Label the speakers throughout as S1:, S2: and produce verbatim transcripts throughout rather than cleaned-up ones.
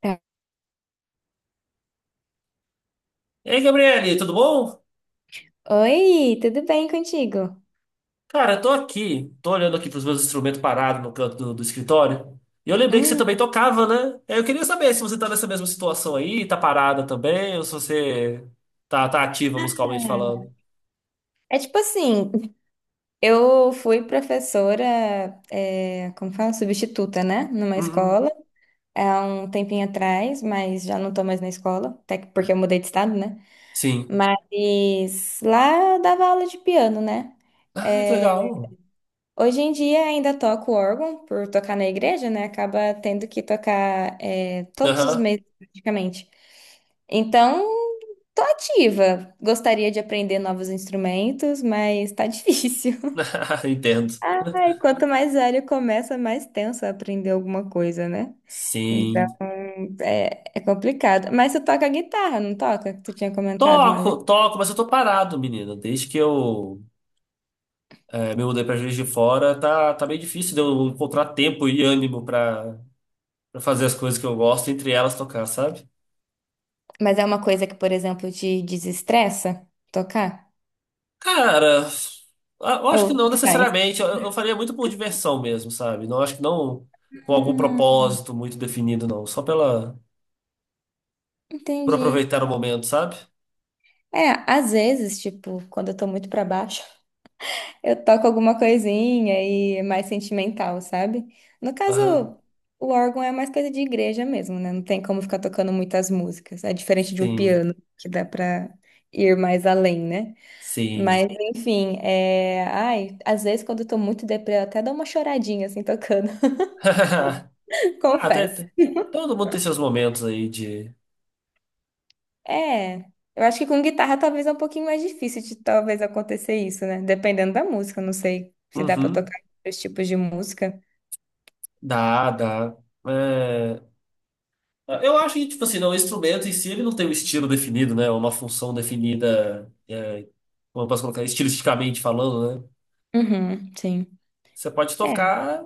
S1: Tá.
S2: Ei, Gabriele, tudo bom?
S1: Oi, tudo bem contigo?
S2: Cara, eu tô aqui, tô olhando aqui pros meus instrumentos parados no canto do, do escritório. E eu lembrei que você
S1: Hum,
S2: também tocava, né? Eu queria saber se você tá nessa mesma situação aí, tá parada também, ou se você tá, tá ativa musicalmente falando.
S1: é tipo assim, eu fui professora, é, como fala, substituta, né? Numa
S2: Uhum.
S1: escola, é, há um tempinho atrás, mas já não tô mais na escola, até que- porque eu mudei de estado, né?
S2: Sim.
S1: Mas lá eu dava aula de piano, né?
S2: Ah, que
S1: É,
S2: legal.
S1: hoje em dia ainda toco órgão por tocar na igreja, né? Acaba tendo que tocar é, todos os
S2: Aham.
S1: meses praticamente. Então, tô ativa. Gostaria de aprender novos instrumentos, mas tá difícil.
S2: Entendo.
S1: Ai, quanto mais velho começa, mais tenso é aprender alguma coisa, né? Então,
S2: Sim.
S1: é, é complicado. Mas tu toca guitarra, não toca? Que tu tinha comentado uma vez.
S2: Toco, toco, mas eu tô parado, menina. Desde que eu eh, me mudei pra Juiz de Fora, tá, tá meio difícil de eu encontrar tempo e ânimo pra pra fazer as coisas que eu gosto, entre elas tocar, sabe?
S1: Mas é uma coisa que, por exemplo, te desestressa tocar?
S2: Cara, a- eu acho
S1: Ou
S2: que não
S1: tanto faz?
S2: necessariamente. Eu, eu faria muito por diversão mesmo, sabe? Não acho que não com algum propósito muito definido, não. Só pela por
S1: Entendi.
S2: aproveitar o momento, sabe?
S1: É, às vezes, tipo, quando eu tô muito pra baixo, eu toco alguma coisinha e é mais sentimental, sabe? No
S2: Aham.
S1: caso, o órgão é mais coisa de igreja mesmo, né? Não tem como ficar tocando muitas músicas. É diferente de um
S2: Sim,
S1: piano, que dá pra ir mais além, né?
S2: sim.
S1: Mas, enfim, é... Ai, às vezes, quando eu tô muito deprê, eu até dou uma choradinha, assim, tocando,
S2: Ah, até,
S1: confesso.
S2: até- todo mundo tem seus momentos aí de.
S1: É, eu acho que com guitarra talvez é um pouquinho mais difícil de talvez acontecer isso, né? Dependendo da música, não sei se dá pra
S2: Uhum.
S1: tocar outros tipos de música.
S2: Dá, dá. É, eu acho que, tipo assim, não, o instrumento em si ele não tem um estilo definido, né? Uma função definida é, como eu posso colocar, estilisticamente falando, né?
S1: Uhum, sim.
S2: Você pode
S1: É.
S2: tocar,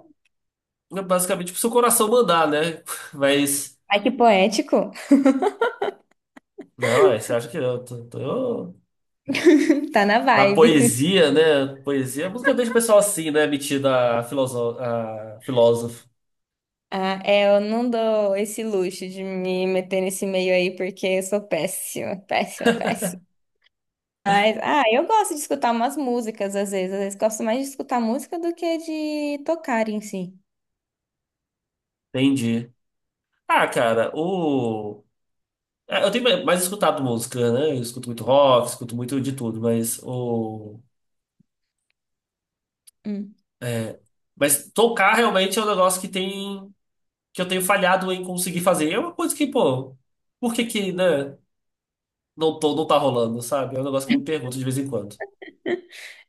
S2: né, basicamente pro seu coração mandar, né? Mas,
S1: Ai, que poético.
S2: não, é, você acha que eu, tô- tô- eu-
S1: Tá na
S2: A
S1: vibe.
S2: poesia, né? Poesia, a música deixa o pessoal assim, né? Metida a, filoso... a filósofo.
S1: Ah, é, eu não dou esse luxo de me meter nesse meio aí porque eu sou péssima, péssima, péssima. Mas, ah, eu gosto de escutar umas músicas às vezes. Às vezes gosto mais de escutar música do que de tocar em si.
S2: Entendi. Ah, cara, o é, eu tenho mais mais escutado música, né? Eu escuto muito rock, escuto muito de tudo, mas o
S1: Hum.
S2: é, mas tocar realmente é um negócio que tem que eu tenho falhado em conseguir fazer. É uma coisa que, pô, por que que, né? Não tô, não tá rolando, sabe? É um negócio que eu me pergunto de vez em quando.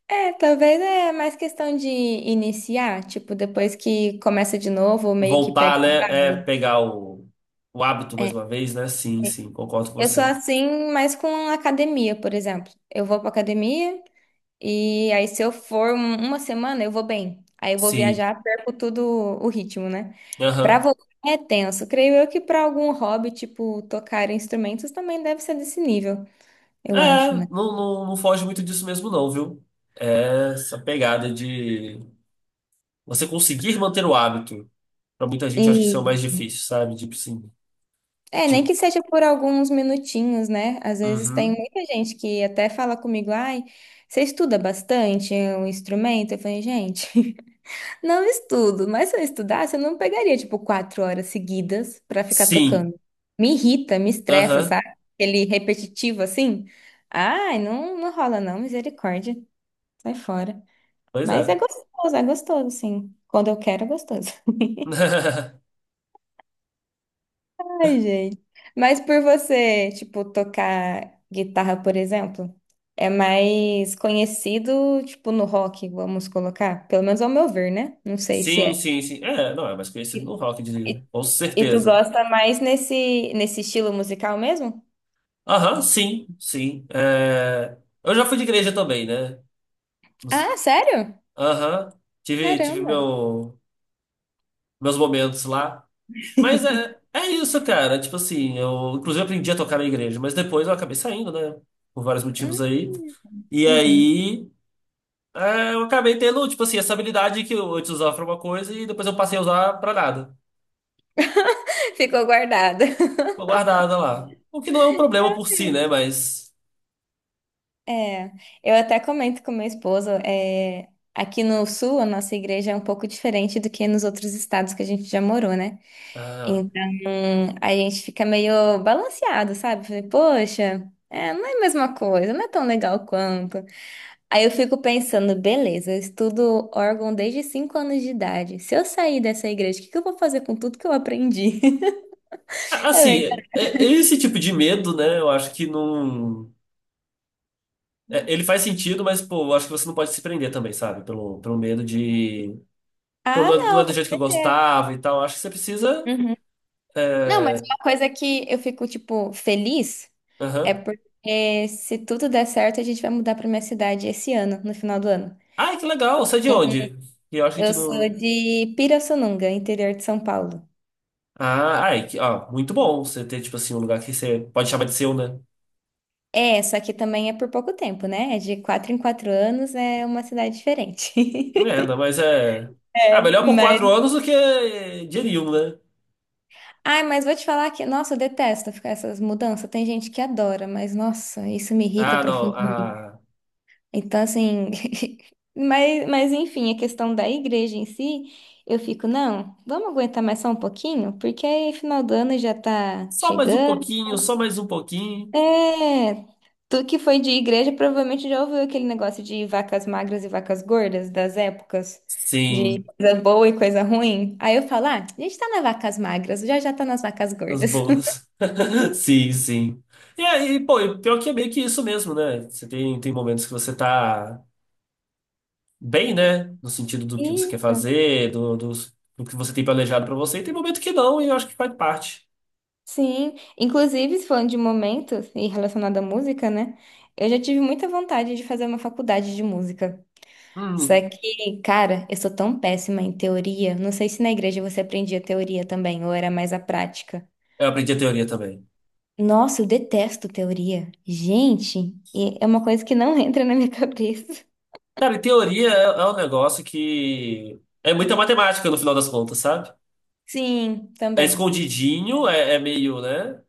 S1: É, talvez é mais questão de iniciar, tipo, depois que começa de novo, meio que
S2: Voltar,
S1: pega.
S2: né? É
S1: Estrada.
S2: pegar o, o hábito mais
S1: É.
S2: uma vez, né? Sim, sim, concordo com
S1: Eu sou
S2: você.
S1: assim, mas com academia, por exemplo. Eu vou pra academia e aí se eu for um- uma semana, eu vou bem. Aí eu vou
S2: Sim.
S1: viajar, perco tudo o ritmo, né? Pra
S2: Aham.
S1: voltar é tenso. Creio eu que pra algum hobby, tipo, tocar instrumentos também deve ser desse nível, eu
S2: É,
S1: acho,
S2: não,
S1: né?
S2: não, não foge muito disso mesmo, não, viu? É essa pegada de você conseguir manter o hábito. Pra muita gente, eu acho que isso é o mais difícil, sabe? Tipo assim.
S1: É, nem
S2: De...
S1: que seja por alguns minutinhos, né? Às vezes tem
S2: Uhum.
S1: muita gente que até fala comigo, ai, você estuda bastante um instrumento? Eu falei, gente, não estudo, mas se eu estudasse, eu não pegaria, tipo, quatro horas seguidas pra ficar
S2: Sim.
S1: tocando. Me irrita, me estressa,
S2: Aham.
S1: sabe? Aquele repetitivo assim. Ai, não, não rola não, misericórdia, sai fora.
S2: Pois
S1: Mas é
S2: é.
S1: gostoso, é gostoso, sim. Quando eu quero, é gostoso. Ai, gente. Mas por você, tipo, tocar guitarra, por exemplo, é mais conhecido, tipo, no rock, vamos colocar. Pelo menos ao meu ver, né? Não sei se
S2: Sim,
S1: é.
S2: sim, sim. É, não, é mais conhecido
S1: E,
S2: no rock, eu
S1: e-
S2: diria. Com
S1: e tu
S2: certeza.
S1: gosta mais nesse, nesse estilo musical mesmo?
S2: Aham, sim, sim. É, eu já fui de igreja também, né?
S1: Ah, sério?
S2: Aham, tive, tive
S1: Caramba.
S2: meu, meus momentos lá. Mas é, é isso, cara. Tipo assim, eu inclusive aprendi a tocar na igreja, mas depois eu acabei saindo, né? Por vários
S1: Hum,
S2: motivos aí. E
S1: uhum.
S2: aí, é, eu acabei tendo, tipo assim, essa habilidade que eu antes usava pra uma coisa e depois eu passei a usar pra nada.
S1: Ficou guardado.
S2: Ficou guardada lá. O que não é um problema por si, né? Mas
S1: É, eu até comento com meu esposo, é, aqui no sul a nossa igreja é um pouco diferente do que nos outros estados que a gente já morou, né?
S2: ah,
S1: Então, a gente fica meio balanceado, sabe? Falei, poxa, é, não é a mesma coisa, não é tão legal quanto. Aí eu fico pensando, beleza, eu estudo órgão desde cinco anos de idade. Se eu sair dessa igreja, o que que eu vou fazer com tudo que eu aprendi? Eu
S2: assim, é-
S1: fico,
S2: é- esse tipo de medo, né? Eu acho que não. É, ele faz sentido, mas, pô, eu acho que você não pode se prender também, sabe? Pelo, pelo medo de. Pô,
S1: ah,
S2: não é, não é
S1: não,
S2: do
S1: com
S2: jeito que eu
S1: certeza.
S2: gostava e tal. Acho que você precisa.
S1: Uhum. Não, mas
S2: É...
S1: uma coisa que eu fico, tipo, feliz é
S2: Aham.
S1: porque se tudo der certo, a gente vai mudar para minha cidade esse ano, no final do ano.
S2: Ai, que legal! Você é de onde? E eu acho que a
S1: Eu
S2: gente
S1: sou
S2: não.
S1: de Pirassununga, interior de São Paulo.
S2: Ah, ai, que... ó, muito bom você ter, tipo assim, um lugar que você pode chamar de seu, né?
S1: É, só que também é por pouco tempo, né? É de quatro em quatro anos, é uma cidade diferente.
S2: É, não, mas é. Ah,
S1: É,
S2: melhor por
S1: mas.
S2: quatro anos do que de nenhum, né?
S1: Ai, mas vou te falar que, nossa, eu detesto ficar essas mudanças. Tem gente que adora, mas nossa, isso me irrita
S2: Ah, não.
S1: profundamente.
S2: Ah,
S1: Então, assim, mas, mas enfim, a questão da igreja em si, eu fico, não, vamos aguentar mais só um pouquinho, porque aí final do ano já tá
S2: só mais um
S1: chegando.
S2: pouquinho, só mais um pouquinho.
S1: É, tu que foi de igreja provavelmente já ouviu aquele negócio de vacas magras e vacas gordas das épocas, de
S2: Sim.
S1: coisa boa e coisa ruim. Aí eu falo, ah, a gente tá nas vacas magras, já já tá nas vacas
S2: As
S1: gordas.
S2: boas. Sim, sim. E aí, pô, e pior que é meio que isso mesmo, né? Você tem, tem momentos que você tá bem, né? No sentido do que você quer
S1: Isso.
S2: fazer, do, dos- do, que você tem planejado pra você, e tem momento que não, e eu acho que faz parte.
S1: Sim, inclusive falando de momentos e relacionado à música, né? Eu já tive muita vontade de fazer uma faculdade de música. Só
S2: Hum,
S1: que, cara, eu sou tão péssima em teoria. Não sei se na igreja você aprendia teoria também, ou era mais a prática.
S2: eu aprendi a teoria também.
S1: Nossa, eu detesto teoria. Gente, e é uma coisa que não entra na minha cabeça.
S2: Cara, e teoria é, é um negócio que é muita matemática no final das contas, sabe?
S1: Sim,
S2: É
S1: também.
S2: escondidinho, é, é meio, né?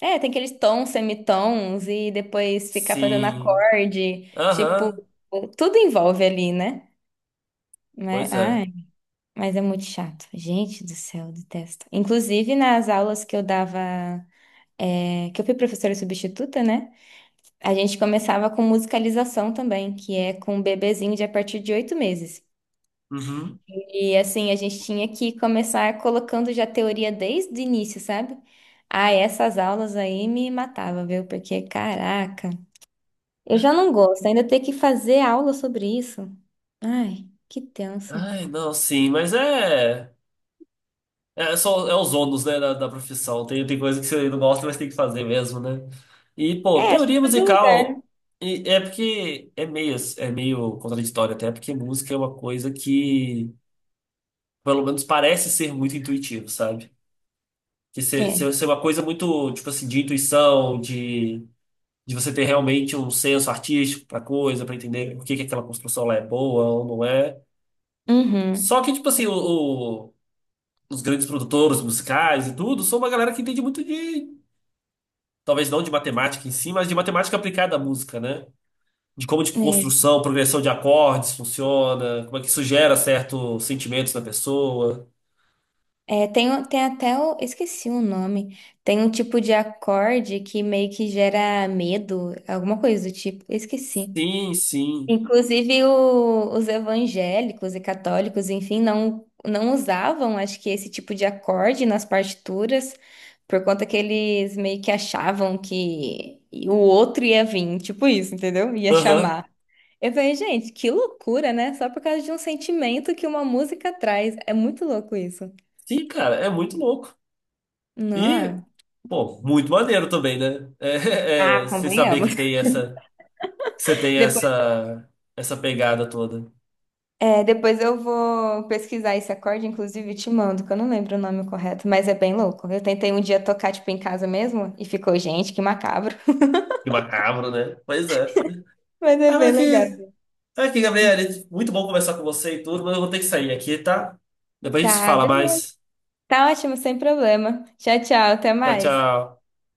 S1: É, tem aqueles tons, semitons e depois ficar fazendo
S2: Sim.
S1: acorde. Tipo,
S2: Aham,
S1: tudo envolve ali, né? Mas,
S2: pois é.
S1: ai, mas é muito chato. Gente do céu, eu detesto. Inclusive, nas aulas que eu dava, é, que eu fui professora substituta, né? A gente começava com musicalização também, que é com um bebezinho de a partir de oito meses.
S2: Uhum.
S1: E assim, a gente tinha que começar colocando já teoria desde o início, sabe? Ah, essas aulas aí me matava, viu? Porque, caraca, eu já não gosto, ainda ter que fazer aula sobre isso. Ai, que tenso.
S2: Ai, não, sim, mas é. É, é só, é os ônus, né, da, da profissão. Tem, tem coisa que você não gosta, mas tem que fazer mesmo, né? E, pô,
S1: É, acho
S2: teoria
S1: que todo lugar, né?
S2: musical e- é porque é meio, é meio contraditório até, porque música é uma coisa que, pelo menos, parece ser muito intuitivo, sabe? Que ser,
S1: É.
S2: ser, ser uma coisa muito, tipo assim, de intuição, de, de você ter realmente um senso artístico pra coisa, pra entender por que que aquela construção lá é boa ou não é.
S1: Uhum.
S2: Só que, tipo assim, o, o- os grandes produtores musicais e tudo, são uma galera que entende muito de talvez não de matemática em si, mas de matemática aplicada à música, né? De como de
S1: É.
S2: construção, progressão de acordes funciona, como é que isso gera certos sentimentos na pessoa.
S1: É, tem, o- tem até o, esqueci o nome. Tem um tipo de acorde que meio que gera medo, alguma coisa do tipo. Esqueci.
S2: Sim, sim.
S1: Inclusive, o- os evangélicos e católicos, enfim, não, não usavam, acho que, esse tipo de acorde nas partituras, por conta que eles meio que achavam que o outro ia vir, tipo isso, entendeu? Ia
S2: Aham.
S1: chamar. Eu falei, gente, que loucura, né? Só por causa de um sentimento que uma música traz. É muito louco isso.
S2: Sim, cara, é muito louco. E,
S1: Não.
S2: pô, muito maneiro também, né? É,
S1: Ah,
S2: é, você saber que
S1: convenhamos.
S2: tem essa, que você tem essa, essa pegada toda.
S1: É, depois eu vou pesquisar esse acorde, inclusive te mando, que eu não lembro o nome correto, mas é bem louco. Eu tentei um dia tocar, tipo, em casa mesmo e ficou, gente, que macabro.
S2: Que macabro, né? Pois é.
S1: Mas é
S2: Ah,
S1: bem
S2: mas
S1: legal.
S2: aqui, aqui, Gabriel, muito bom conversar com você e tudo, mas eu vou ter que sair aqui, tá? Depois a gente se
S1: Tá,
S2: fala
S1: beleza.
S2: mais.
S1: Tá ótimo, sem problema. Tchau, tchau, até
S2: Tchau,
S1: mais.
S2: tchau.